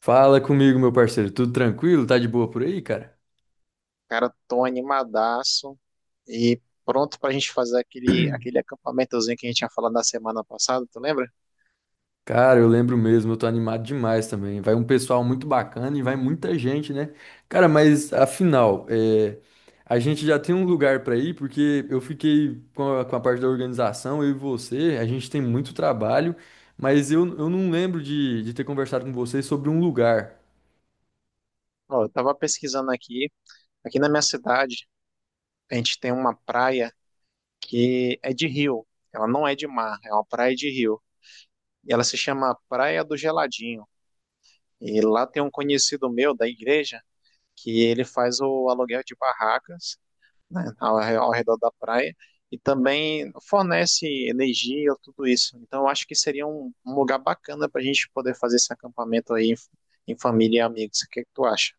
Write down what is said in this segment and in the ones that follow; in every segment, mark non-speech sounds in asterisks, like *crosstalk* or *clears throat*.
Fala comigo, meu parceiro. Tudo tranquilo? Tá de boa por aí, cara? Cara, tô animadaço e pronto pra gente fazer aquele acampamentozinho que a gente tinha falado na semana passada, tu lembra? Cara, eu lembro mesmo, eu tô animado demais também. Vai um pessoal muito bacana e vai muita gente, né? Cara, mas afinal, é, a gente já tem um lugar pra ir, porque eu fiquei com a parte da organização, eu e você, a gente tem muito trabalho, mas eu não lembro de ter conversado com vocês sobre um lugar. Ó, eu tava pesquisando aqui na minha cidade, a gente tem uma praia que é de rio, ela não é de mar, é uma praia de rio, e ela se chama Praia do Geladinho, e lá tem um conhecido meu da igreja que ele faz o aluguel de barracas né, ao redor da praia e também fornece energia, tudo isso. Então, eu acho que seria um lugar bacana para a gente poder fazer esse acampamento aí em, em família e amigos. O que é que tu acha?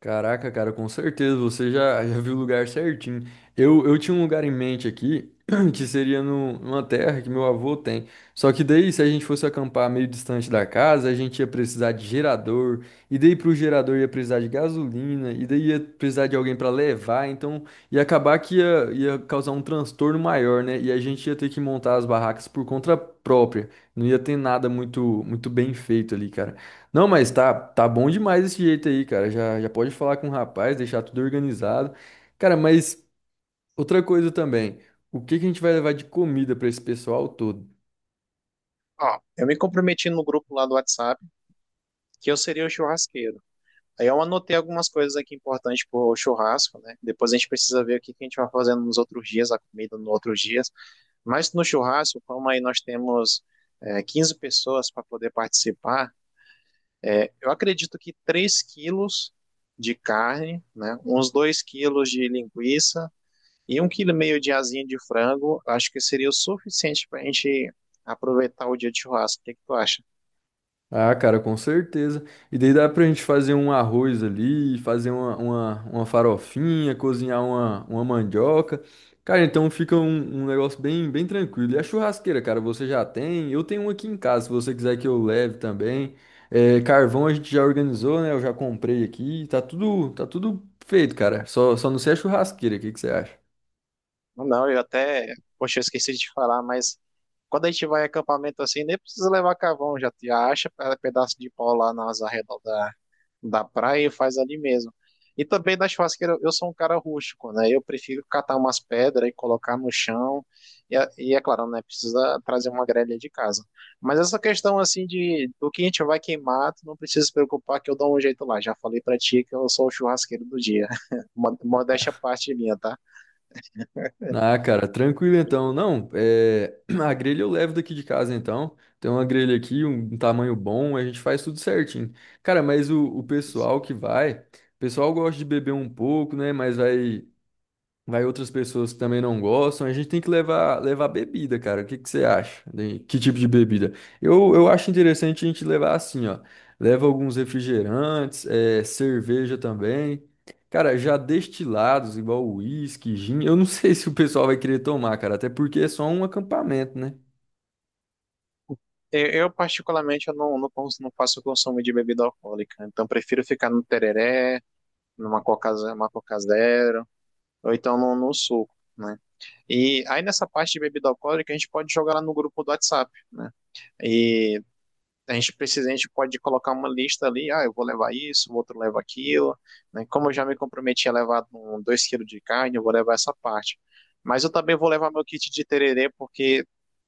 Caraca, cara, com certeza você já viu o lugar certinho. Eu tinha um lugar em mente aqui, *clears throat* que seria numa terra que meu avô tem. Só que daí, se a gente fosse acampar meio distante da casa, a gente ia precisar de gerador, e daí pro gerador ia precisar de gasolina, e daí ia precisar de alguém para levar, então ia acabar que ia causar um transtorno maior, né? E a gente ia ter que montar as barracas por conta própria. Não ia ter nada muito, muito bem feito ali, cara. Não, mas tá bom demais esse jeito aí, cara. Já pode falar com o rapaz, deixar tudo organizado. Cara, mas outra coisa também. O que que a gente vai levar de comida pra esse pessoal todo? Ó, eu me comprometi no grupo lá do WhatsApp que eu seria o churrasqueiro. Aí eu anotei algumas coisas aqui importantes para o churrasco, né? Depois a gente precisa ver o que que a gente vai fazendo nos outros dias, a comida nos outros dias. Mas no churrasco, como aí nós temos 15 pessoas para poder participar. É, eu acredito que 3 quilos de carne, né, uns 2 quilos de linguiça e um quilo e meio de asinha de frango, acho que seria o suficiente para a gente aproveitar o dia de churrasco. O que que tu acha? Ah, cara, com certeza. E daí dá pra gente fazer um arroz ali, fazer uma farofinha, cozinhar uma mandioca. Cara, então fica um, um negócio bem, bem tranquilo. E a churrasqueira, cara, você já tem? Eu tenho uma aqui em casa, se você quiser que eu leve também. É, carvão a gente já organizou, né? Eu já comprei aqui. Tá tudo feito, cara. Só não sei a churrasqueira. O que que você acha? Não, eu até, poxa, eu esqueci de te falar, mas quando a gente vai em acampamento assim, nem precisa levar carvão, já te acha pedaço de pau lá nas arredondas da praia e faz ali mesmo. E também na churrasqueira, eu sou um cara rústico, né? Eu prefiro catar umas pedras e colocar no chão. E é claro, né? Precisa trazer uma grelha de casa. Mas essa questão assim de do que a gente vai queimar, tu não precisa se preocupar que eu dou um jeito lá. Já falei pra ti que eu sou o churrasqueiro do dia. *laughs* Modéstia à parte minha, tá? Ah, cara, tranquilo então. Não, é... *clears throat* a grelha eu levo daqui de casa então. Tem uma grelha aqui, um tamanho bom, a gente faz tudo certinho. Cara, mas o pessoal que vai, o pessoal gosta de beber um pouco, né? Mas vai. Vai outras pessoas que também não gostam. A gente tem que levar bebida, cara. O que que você acha? Que tipo de bebida? Eu acho interessante a gente levar assim, ó. Leva alguns refrigerantes, é, cerveja também. Cara, já destilados, igual uísque, gin. Eu não *laughs* sei se o pessoal vai querer tomar, cara. Até porque é só um acampamento, né? Particularmente, eu não faço consumo de bebida alcoólica. Então, prefiro ficar no tereré, numa uma coca zero, ou então no suco, né? E aí, nessa parte de bebida alcoólica, a gente pode jogar lá no grupo do WhatsApp, né? E a gente precisa, a gente pode colocar uma lista ali, ah, eu vou levar isso, o outro leva aquilo, né? Como eu já me comprometi a levar 2 quilos de carne, eu vou levar essa parte. Mas eu também vou levar meu kit de tererê, porque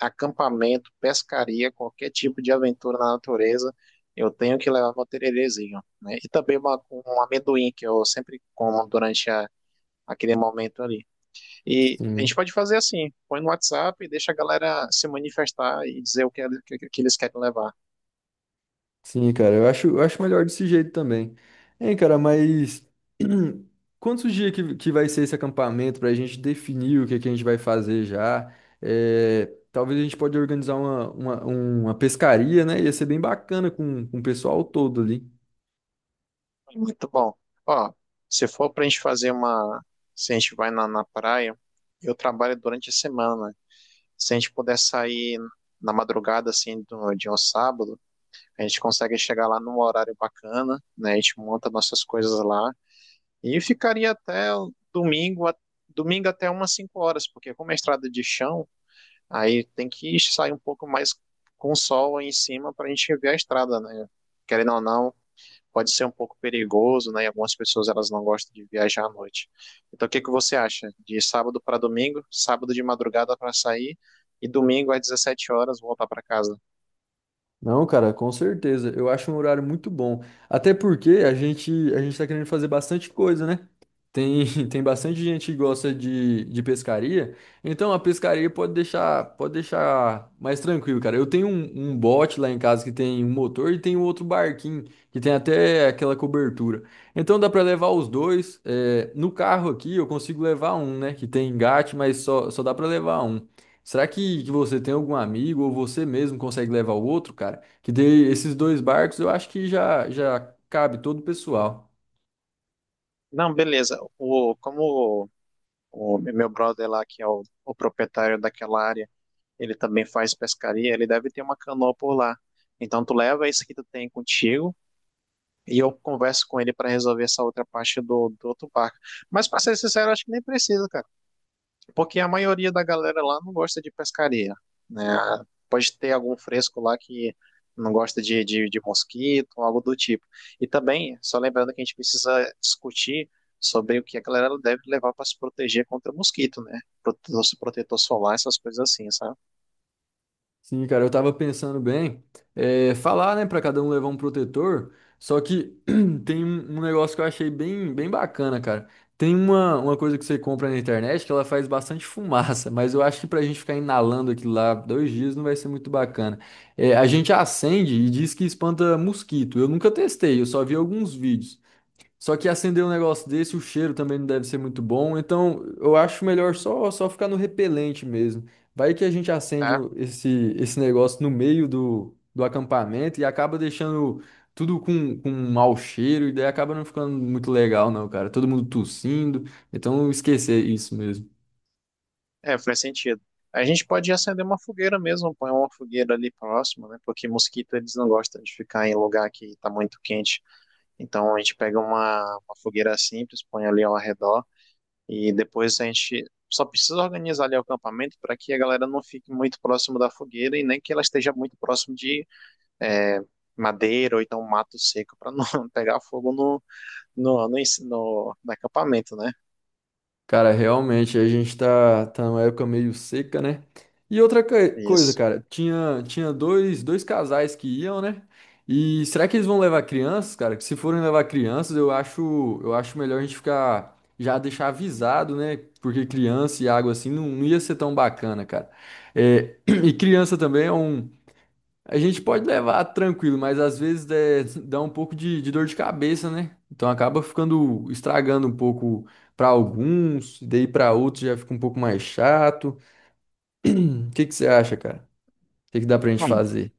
acampamento, pescaria, qualquer tipo de aventura na natureza, eu tenho que levar meu tererezinho, né? E também um amendoim que eu sempre como durante aquele momento ali. E a gente Sim. pode fazer assim, põe no WhatsApp e deixa a galera se manifestar e dizer o que, que eles querem levar. Sim, cara, eu acho melhor desse jeito também. Hein, cara, mas *clears throat* quantos dias que vai ser esse acampamento pra gente definir o que a gente vai fazer já? É, talvez a gente pode organizar uma pescaria, né? Ia ser bem bacana com o pessoal todo ali. Muito bom. Ó, se for pra gente fazer uma, se a gente vai na praia, eu trabalho durante a semana. Se a gente puder sair na madrugada, assim, de um sábado, a gente consegue chegar lá num horário bacana, né? A gente monta nossas coisas lá e ficaria até o domingo até umas 5 horas, porque como é estrada de chão, aí tem que sair um pouco mais com o sol aí em cima para a gente ver a estrada, né? Querendo ou não, pode ser um pouco perigoso, né? E algumas pessoas elas não gostam de viajar à noite. Então, o que que você acha? De sábado para domingo, sábado de madrugada para sair e domingo às 17 horas voltar para casa? Não, cara, com certeza. Eu acho um horário muito bom. Até porque a gente tá querendo fazer bastante coisa, né? Tem, *laughs* tem bastante gente que gosta de pescaria. Então a pescaria pode deixar mais tranquilo, cara. Eu tenho um, um bote lá em casa que tem um motor e tem um outro barquinho que tem até aquela cobertura. Então dá pra levar os dois. É, no carro aqui eu consigo levar um, né? Que tem engate, mas só dá pra levar um. Será que você tem algum amigo ou você mesmo consegue levar o outro, cara? Que dê esses dois barcos, eu acho que já cabe todo o pessoal. Não, beleza. O meu brother lá, que é o proprietário daquela área, ele também faz pescaria, ele deve ter uma canoa por lá. Então tu leva isso que tu tem contigo e eu converso com ele para resolver essa outra parte do outro barco. Mas para ser sincero, acho que nem precisa, cara. Porque a maioria da galera lá não gosta de pescaria, né? Pode ter algum fresco lá que não gosta de mosquito, algo do tipo. E também, só lembrando que a gente precisa discutir sobre o que a galera deve levar para se proteger contra mosquito, né? Protetor, protetor solar, essas coisas assim, sabe? Sim, cara, eu tava pensando bem, é, falar, né, pra cada um levar um protetor, só que *clears throat* tem um um negócio que eu achei bem, bem bacana, cara. Tem uma coisa que você compra na internet que ela faz bastante *laughs* fumaça, mas eu acho que pra gente ficar inalando aquilo lá dois dias não vai ser muito bacana. É, a gente acende e diz que espanta mosquito. Eu nunca testei, eu só vi alguns vídeos. Só que acender um negócio desse, o cheiro também não deve ser muito bom. Então, eu acho melhor só ficar no repelente mesmo. Vai que a gente acende É, esse, esse negócio no meio do acampamento e acaba deixando tudo com um mau cheiro, e daí acaba não ficando muito legal, não, cara. Todo mundo tossindo. Então, esquecer isso mesmo. Faz sentido. A gente pode acender uma fogueira mesmo, põe uma fogueira ali próximo, né? Porque mosquito eles não gostam de ficar em lugar que está muito quente. Então a gente pega uma fogueira simples, põe ali ao redor. E depois a gente só precisa organizar ali o acampamento para que a galera não fique muito próximo da fogueira e nem que ela esteja muito próximo de é, madeira ou então um mato seco para não *laughs* pegar fogo no acampamento, né? Cara, realmente, a gente tá numa época meio seca, né? E outra coisa, Isso. cara, tinha dois casais que iam, né? E será que eles vão levar crianças, cara? Que se forem levar crianças, eu acho melhor a gente ficar, já deixar avisado, né? Porque criança e água assim não ia ser tão bacana, cara. É, *clears throat* e criança também é um, a gente pode levar tranquilo, mas às vezes é, dá um pouco de dor de cabeça, né? Então acaba ficando estragando um pouco para alguns, e daí para outros já fica um pouco mais chato. O que que você acha, cara? O que que dá pra gente Bom, fazer?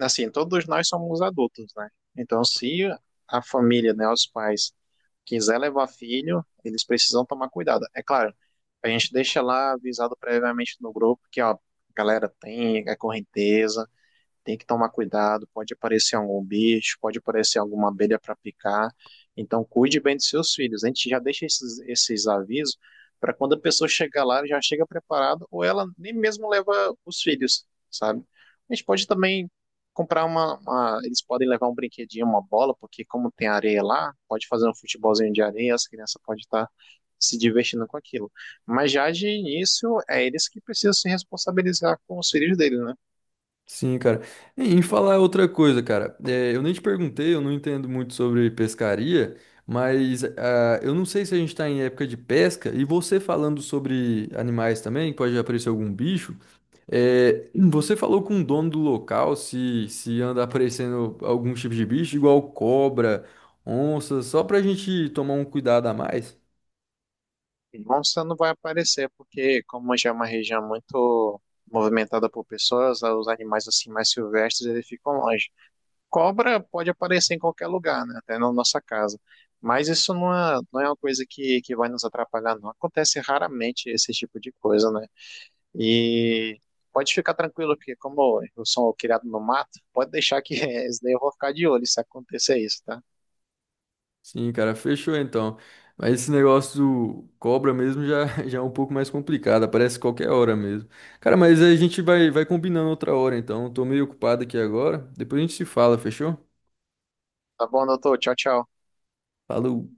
assim, todos nós somos adultos, né? Então, se a família, né, os pais, quiser levar filho, eles precisam tomar cuidado. É claro, a gente deixa lá avisado previamente no grupo que, ó, galera, tem a correnteza, tem que tomar cuidado, pode aparecer algum bicho, pode aparecer alguma abelha para picar. Então, cuide bem dos seus filhos. A gente já deixa esses avisos para quando a pessoa chegar lá, ela já chega preparada, ou ela nem mesmo leva os filhos, sabe? A gente pode também comprar eles podem levar um brinquedinho, uma bola, porque como tem areia lá, pode fazer um futebolzinho de areia, as crianças podem estar se divertindo com aquilo. Mas já de início, é eles que precisam se responsabilizar com os filhos deles, né? Sim, cara. E em falar outra coisa, cara. É, eu nem te perguntei, eu não entendo muito sobre pescaria, mas ah, eu não sei se a gente tá em época de pesca e você falando sobre animais também, que pode aparecer algum bicho. É, você falou com o dono do local se, se anda aparecendo algum tipo de bicho, igual cobra, onça, só pra gente tomar um cuidado a mais? Monstro não vai aparecer, porque como já é uma região muito movimentada por pessoas, os animais assim mais silvestres, eles ficam longe. Cobra pode aparecer em qualquer lugar, né? Até na nossa casa. Mas isso não é uma coisa que vai nos atrapalhar, não. Acontece raramente esse tipo de coisa, né? E pode ficar tranquilo que, como eu sou um criado no mato, pode deixar que *laughs* esse daí eu vou ficar de olho se acontecer isso, tá? Sim, cara, fechou então. Mas esse negócio do cobra mesmo já, *laughs* já é um pouco mais complicado, aparece qualquer hora mesmo. Cara, mas a gente vai combinando outra hora então. Tô meio ocupado aqui agora. Depois a gente se fala, fechou? Tá bom, doutor? Tchau, tchau. Falou.